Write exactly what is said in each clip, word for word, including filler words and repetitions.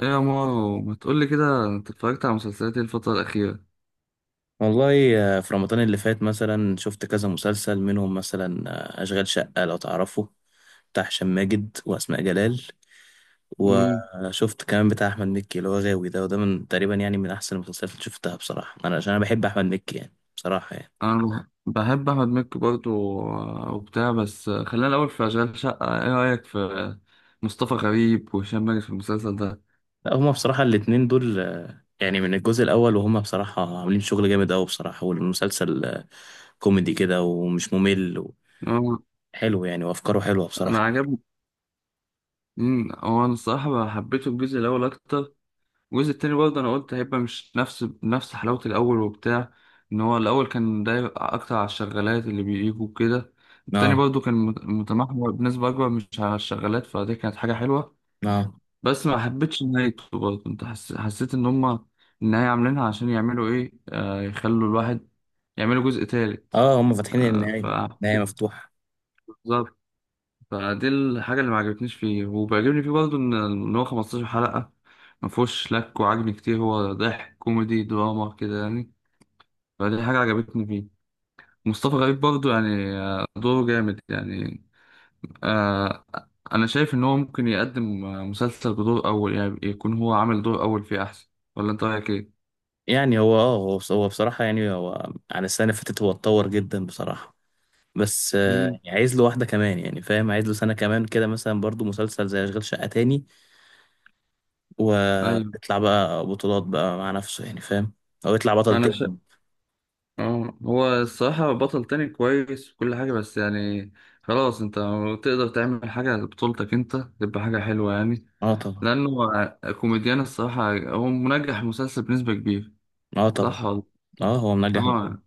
ايه يا مارو، ما تقولي كده، انت اتفرجت على مسلسلات إيه الفترة الأخيرة؟ والله، آه، في رمضان اللي فات مثلا شفت كذا مسلسل منهم، مثلا آه، أشغال شقة، لو تعرفه، بتاع هشام ماجد وأسماء جلال. امم وشفت كمان بتاع أحمد مكي اللي هو غاوي. ده وده من تقريبا يعني من أحسن المسلسلات اللي شفتها بصراحة، أنا عشان أنا بحب أحمد مكي يعني، بصراحة يعني. انا بح- بحب احمد مكي برضو. آه، وبتاع. بس آه، خلينا الاول في اشغال شقة، ايه رأيك في آه، مصطفى غريب وهشام ماجد في المسلسل ده؟ لا، هما بصراحة الاتنين دول آه، يعني من الجزء الأول، وهما بصراحة عاملين شغل جامد أوي بصراحة. والمسلسل آه، كوميدي كده ومش ممل، هو- وحلو يعني، وأفكاره حلوة انا بصراحة. عجبني. امم هو انا الصراحة حبيته الجزء الاول اكتر. الجزء التاني برضه انا قلت هيبقى مش نفس نفس حلاوة الاول وبتاع. ان هو الاول كان داير اكتر على الشغالات اللي بيجوا كده. التاني اه، برضه كان مت- متمحور بنسبة أكبر مش على الشغالات، فدي كانت حاجة حلوة. اه، بس ما حبيتش نهايته برضه. انت حس... حسيت ان هما النهاية عاملينها عشان يعملوا ايه، آه، يخلوا الواحد يعملوا جزء تالت. اه، هما فاتحين آه ف النهاية. النهاية مفتوحة. بالظبط. فدي الحاجة اللي ما عجبتنيش فيه، وبيعجبني فيه برضه ان إن هو خمستاشر حلقة ما فيهوش لك وعجن كتير، هو ضحك كوميدي دراما كده يعني. فدي حاجة عجبتني فيه. مصطفى غريب برضه يعني آه، دوره جامد يعني. آه، انا شايف ان هو ممكن يقدم آه، مسلسل بدور اول، يعني يكون هو عامل دور اول فيه احسن. ولا انت رايك ايه؟ يعني هو اه هو بص- هو بصراحة، يعني هو عن السنة اللي فاتت هو اتطور جدا بصراحة. بس آه، امم يعني عايز له واحدة كمان، يعني فاهم؟ عايز له سنة كمان كده مثلا، برضو مسلسل زي أشغال شقة تاني. ايوه. ويطلع بقى بطولات بقى مع نفسه، يعني فاهم؟ أو يطلع بطل انا شا... تاني. آه، هو الصراحه بطل تاني كويس وكل حاجه، بس يعني خلاص، انت تقدر تعمل حاجه بطولتك انت تبقى حاجه حلوه يعني. اه طبعا. لانه كوميديان الصراحه، هو منجح مسلسل بنسبه كبيره. اه طبعا. صح والله. اه، هو منجح مكان. اه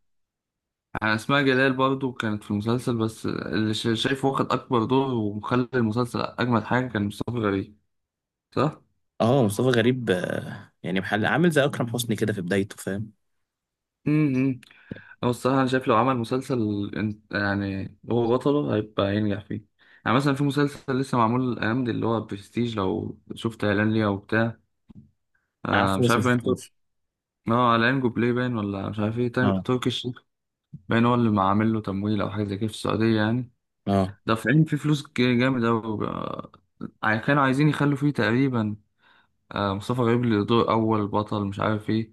يعني اسماء جلال برضو كانت في المسلسل، بس اللي شا- شايفه واخد اكبر دور ومخلي المسلسل اجمد حاجه كان مصطفى غريب. صح؟ اه، مصطفى غريب آه، يعني محل، عامل زي أكرم حسني كده في بدايته، فاهم؟ امم هو الصراحة أنا شايف لو عمل مسلسل إن- يعني هو بطله هيبقى ينجح فيه. يعني مثلا في مسلسل لسه معمول الأيام دي اللي هو برستيج، لو شفت إعلان ليه أو بتاع. آه عارفه مش بس عارف باين تر- مشفتوش. اه على بلاي باين، ولا مش عارف ايه، تر- اه. تركي باين هو اللي عامل له تمويل أو حاجة زي كده في السعودية يعني. اه. دافعين فيه فلوس ج- جامد أوي. آه، كانوا عايزين يخلوا فيه تقريبا آه مصطفى غريب اللي دور أول بطل، مش عارف ايه.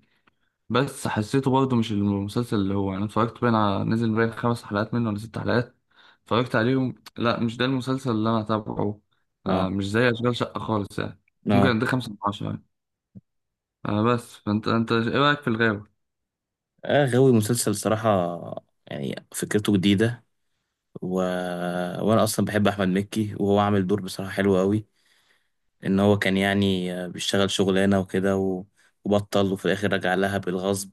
بس حسيته برضه مش المسلسل اللي هو انا اتفرجت باين على نزل باين خمس حلقات منه ولا ست حلقات. اتفرجت عليهم، لا مش ده المسلسل اللي انا هتابعه. اه. آه مش زي اشغال شقة خالص يعني. اه. ممكن ده خمسة من عشرة يعني. آه بس فانت انت ايه رأيك في الغاوي؟ آه، غاوي مسلسل صراحة، يعني فكرته جديدة. و... وانا اصلا بحب احمد مكي، وهو عامل دور بصراحة حلو قوي. ان هو كان يعني آه، بيشتغل شغلانة وكده، و... وبطل، وفي الاخر رجع لها بالغصب،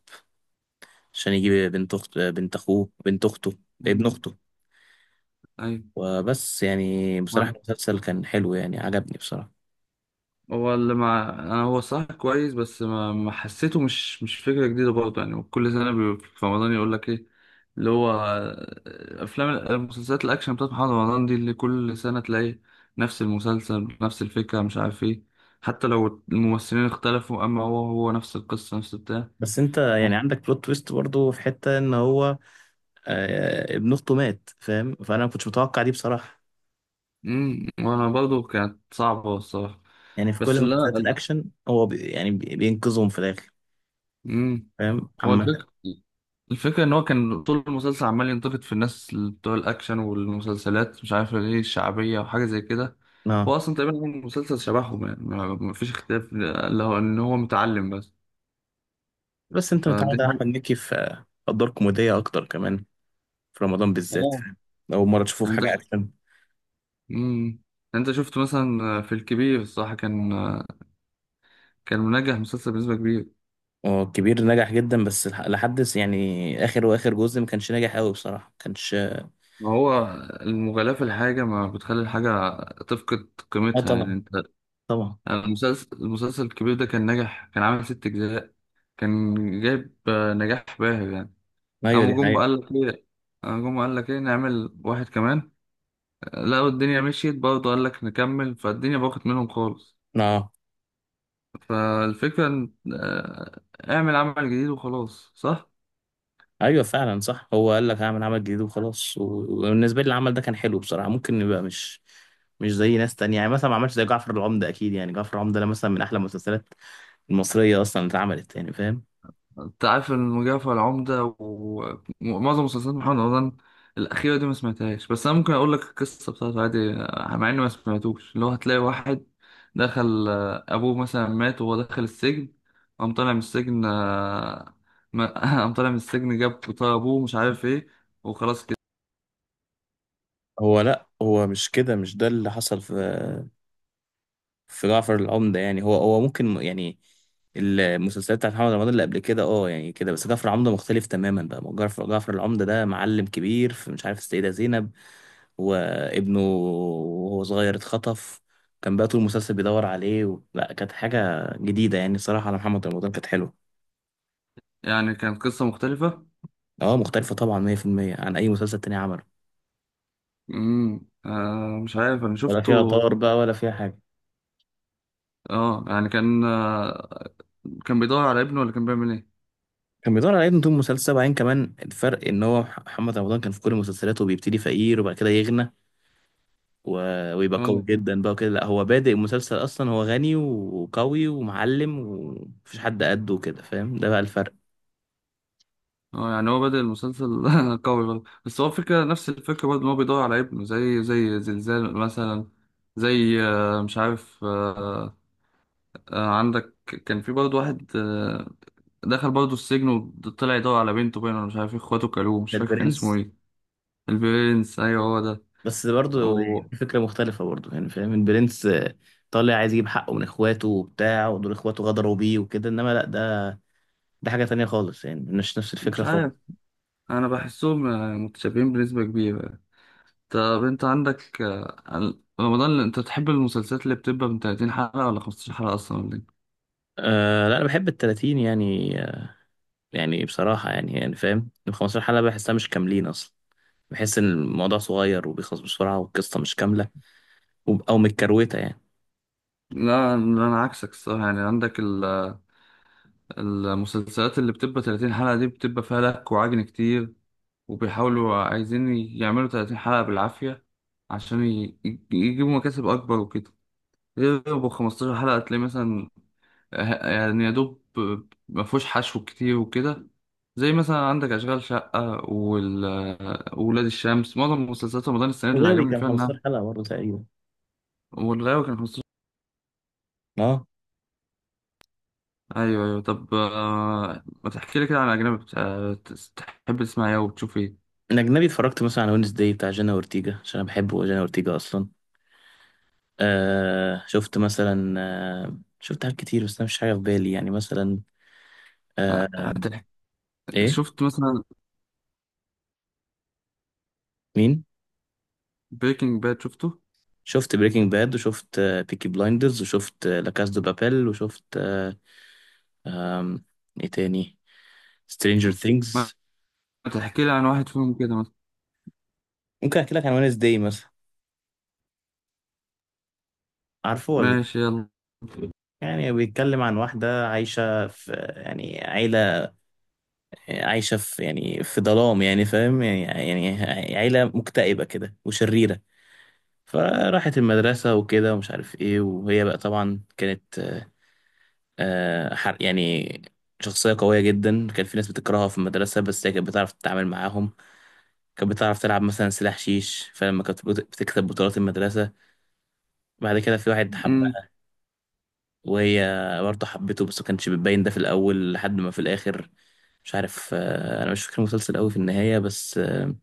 عشان يجيب بنت اخت بنت اخوه بنت اخته ابن مم. اخته. ايوه وبس يعني، بصراحة المسلسل كان حلو، يعني عجبني بصراحة. هو اللي مع انا. هو صح كويس، بس ما, ما حسيته، مش مش فكره جديده برضه يعني. كل سنه بي- في رمضان، يقول لك ايه اللي هو افلام المسلسلات الاكشن بتاعت محمد رمضان دي، اللي كل سنه تلاقي نفس المسلسل بنفس الفكره، مش عارف ايه. حتى لو الممثلين اختلفوا، اما هو هو نفس القصه نفس بتاع. بس انت يعني عندك بلوت تويست برضو، في حتة ان هو آه، ابن اخته مات، فاهم؟ فانا ما كنتش متوقع دي بصراحة. امم وانا برضه كانت صعبه الصراحه. يعني في بس كل اللي مسلسلات انا الاكشن هو بي يعني بي- بينقذهم في الاخر، امم فاهم؟ هو عامة. الفكرة الفكرة إن هو كان طول المسلسل عمال ينتقد في الناس اللي بتوع الأكشن والمسلسلات، مش عارف ليه الشعبية وحاجة زي كده. هو اه، أصلا تقريبا هو المسلسل شبههم يعني، ما- مفيش اختلاف اللي هو إن هو متعلم بس. بس انت فدي متعود على حاجة. احمد مكي في في ادوار كوميديه اكتر كمان، في رمضان بالذات، آه. فاهم؟ اول مره تشوفه في يعني أنت ش... حاجه اكشن. مم. أنت شفت مثلا في الكبير، الصراحة كان كان منجح مسلسل بنسبة كبيرة. هو الكبير نجح جدا، بس لح- لحد س- يعني اخر واخر جزء ما كانش ناجح قوي بصراحه، ما كانش. ما هو المغالاة في الحاجة ما بتخلي الحاجة تفقد اه قيمتها يعني. طبعا. أنت طبعا. المسلسل المسلسل الكبير ده كان ناجح. كان عامل ست أجزاء. كان جايب آه، نجاح باهر يعني. ايوه، دي قام جم قال حقيقه. لك ايه قام جم قال لك ايه نعمل واحد كمان. آه، لقوا الدنيا مشيت برضه، قال لك نكمل، فالدنيا باخت منهم خالص. اه فالفكرة إن- آه، اعمل عمل جديد وخلاص، صح. ايوه، فعلا صح، هو قال لك هعمل عمل جديد وخلاص. و- وبالنسبه لي العمل ده كان حلو بصراحه، ممكن يبقى مش مش زي ناس تانية يعني، مثلا ما عملش زي جعفر العمدة أكيد، يعني جعفر العمدة ده مثلا من أحلى المسلسلات المصرية أصلا اللي اتعملت، يعني فاهم؟ انت عارف المجعفر العمدة و- ومعظم مسلسلات محمد رمضان الأخيرة دي ما سمعتهاش. بس أنا ممكن أقول لك القصة بتاعته عادي، مع إني ما سمعتوش. اللي هو هتلاقي واحد دخل، آه، أبوه مثلا مات وهو داخل السجن. قام طالع من السجن، آه، ما- قام طالع من السجن جاب طار أبوه، مش عارف إيه، وخلاص كده. هو لا، هو مش كده، مش ده اللي حصل في في جعفر العمدة، يعني هو هو ممكن يعني المسلسلات بتاعت محمد رمضان اللي قبل كده، اه يعني كده، بس جعفر العمدة مختلف تماما بقى. جعفر جعفر العمدة ده معلم كبير في مش عارف السيدة زينب، وابنه وهو صغير اتخطف. كان بقى طول المسلسل بيدور عليه، و... لا، كانت حاجة جديدة يعني صراحة على محمد رمضان، كانت حلوة. يعني كانت قصة مختلفة. اه مختلفة طبعا، مية في المية عن أي مسلسل تاني عمله. امم آه مش عارف أنا ولا فيها شفته. طار بقى، ولا فيها حاجة. اه يعني كان آه، كان بيدور على ابنه، ولا كان بيعمل إيه؟ كان بيدور على ابنه طول المسلسل، بعدين كمان الفرق إن هو مح- محمد رمضان كان في كل مسلسلاته بيبتدي فقير، وبعد كده يغنى، و... ويبقى قوي اه. جدا بقى كده. لا، هو بادئ المسلسل اصلا هو غني وقوي ومعلم، ومفيش حد قده كده، فاهم؟ ده بقى الفرق. اه يعني هو بدأ المسلسل قوي برضه. بس هو الفكرة نفس الفكرة برضه، إن هو بيدور على ابنه زي زي زلزال مثلا. زي آه، مش عارف آه، آه، عندك كان في برضه واحد آه، دخل برضه السجن وطلع يدور على بنته باين، ولا مش عارف إيه، اخواته كلوه، مش ده فاكر كان اسمه البرنس، ايه. البرنس، ايوه هو ده. بس برضه يعني أو فكرة مختلفة برضه، يعني فاهم؟ البرنس آه، طالع عايز يجيب حقه من اخواته وبتاع، ودول اخواته غدروا بيه وكده، انما لا، ده ده حاجة تانية خالص، يعني مش نفس مش الفكرة خالص. عارف، أنا بحسهم آه، متشابهين بنسبة كبيرة. طب أنت عندك آه، رمضان، أنت تحب المسلسلات اللي بتبقى من ثلاثين حلقة ولا خمستاشر حلقة أصلا؟ أه لا، انا بحب التلاتين يعني آه، يعني بصراحة يعني يعني فاهم؟ ال خمسة عشر حلقة بحسها مش كاملين اصلا، بحس ان الموضوع صغير وبيخلص بسرعة والقصة مش كاملة، وب- او متكروتة يعني. لا انا عكسك الصراحه يعني. عندك ال- المسلسلات اللي بتبقى ثلاثين حلقه دي بتبقى فيها لك وعجن كتير، وبيحاولوا عايزين يعملوا ثلاثين حلقه بالعافيه عشان ي- ي- يجيبوا مكاسب اكبر وكده. غير ابو خمستاشر حلقه تلاقي مثلا ه- يعني يا دوب ما فيهوش حشو كتير وكده. زي مثلا عندك اشغال شقه، وال- ولاد الشمس. معظم مسلسلات رمضان السنه دي اللي وغاوي عجبني كان فيها خمستاشر انها حلقة برضه تقريبا. والغاوي كان. اه. ايوه، ايوه. طب آه، ما تحكي لي كده عن اجنبي، بت- آه، تحب تسمع ايه وبتشوف ايه؟ الأجنبي اتفرجت مثلا على وينز داي بتاع جينا أورتيجا، عشان أنا بحب جينا أورتيجا أصلا. آه شفت مثلا آه شفت حاجات كتير، بس أنا مش حاجة في بالي يعني، مثلا آه، آه هتح- إيه؟ شفت مثلا مين؟ بريكنج باد شفته؟ شفت بريكنج باد، وشفت آه بيكي بلايندرز، وشفت آه لا كاس دو بابيل، وشفت آه آم، إيه تاني؟ سترينجر ما ثينجز. تحكي لي عن واحد فيهم كده مثلا. ممكن أحكي لك عن وينز داي مثلا. عارفه ولا؟ ماشي يلا. يعني بيتكلم عن واحدة عايشة في آه، يعني عيلة، عايشة في يعني في ظلام، يعني فاهم؟ يعني يعني عيلة مكتئبة كده وشريرة. فراحت المدرسة وكده، ومش عارف ايه. وهي بقى طبعا كانت آه، آه، حر يعني، شخصية قوية جدا. كان في ناس بتكرهها في المدرسة، بس هي كانت بتعرف تتعامل معاهم. كانت بتعرف تلعب مثلا سلاح شيش، فلما كانت بت- بتكسب بطولات المدرسة. بعد كده في واحد امم حبها، وهي برضه حبته، بس ما كانش بتبين ده في الأول لحد ما في الآخر. مش عارف آه، أنا مش فاكر المسلسل أوي في النهاية، بس آه،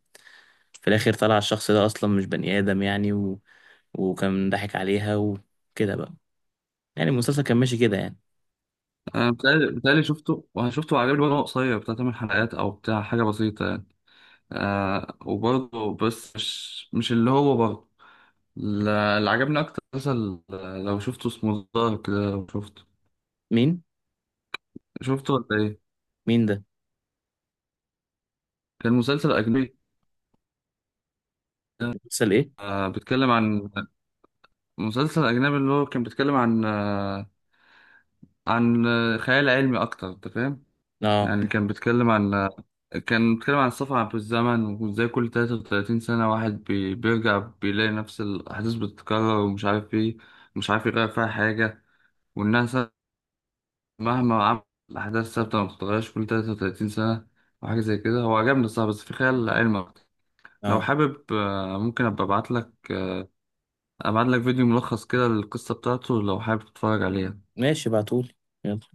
في الاخر طلع الشخص ده اصلا مش بني ادم يعني، و... وكان ضحك عليها وكده بقى. يعني المسلسل كان ماشي كده يعني. انا بتهيألي بتهيألي شفته، وشفته وعجبني برضه. هو قصير بتاع تمن حلقات او بتاع حاجه بسيطه يعني. آه وبرضه بس مش مش اللي هو برضه لا- اللي عجبني اكتر مثلا لو شفته اسمه دارك كده، لو شفته. مين؟ شفته ولا ايه؟ مين ده؟ كان مسلسل اجنبي. مسلسل ايه؟ آه بيتكلم عن مسلسل أجنبي اللي هو كان بيتكلم عن آه، عن آه، خيال علمي أكتر، أنت فاهم؟ اه. يعني كان بيتكلم عن آه، كان بيتكلم عن السفر في الزمن، وإزاي كل ثلاثة وثلاثين سنة واحد بي- بيرجع بيلاقي نفس الأحداث بتتكرر، ومش عارف إيه، مش عارف يغير فيها حاجة. والناس مهما عمل الأحداث ثابتة ما بتتغيرش كل ثلاثة وثلاثين سنة وحاجة زي كده. هو عجبني الصراحة، بس في خيال علمي أكتر. لو اه. حابب آه، ممكن أبقى أبعت لك أبعت لك فيديو ملخص كده للقصة بتاعته، لو حابب تتفرج عليها. ماشي، بعتولي. يلا.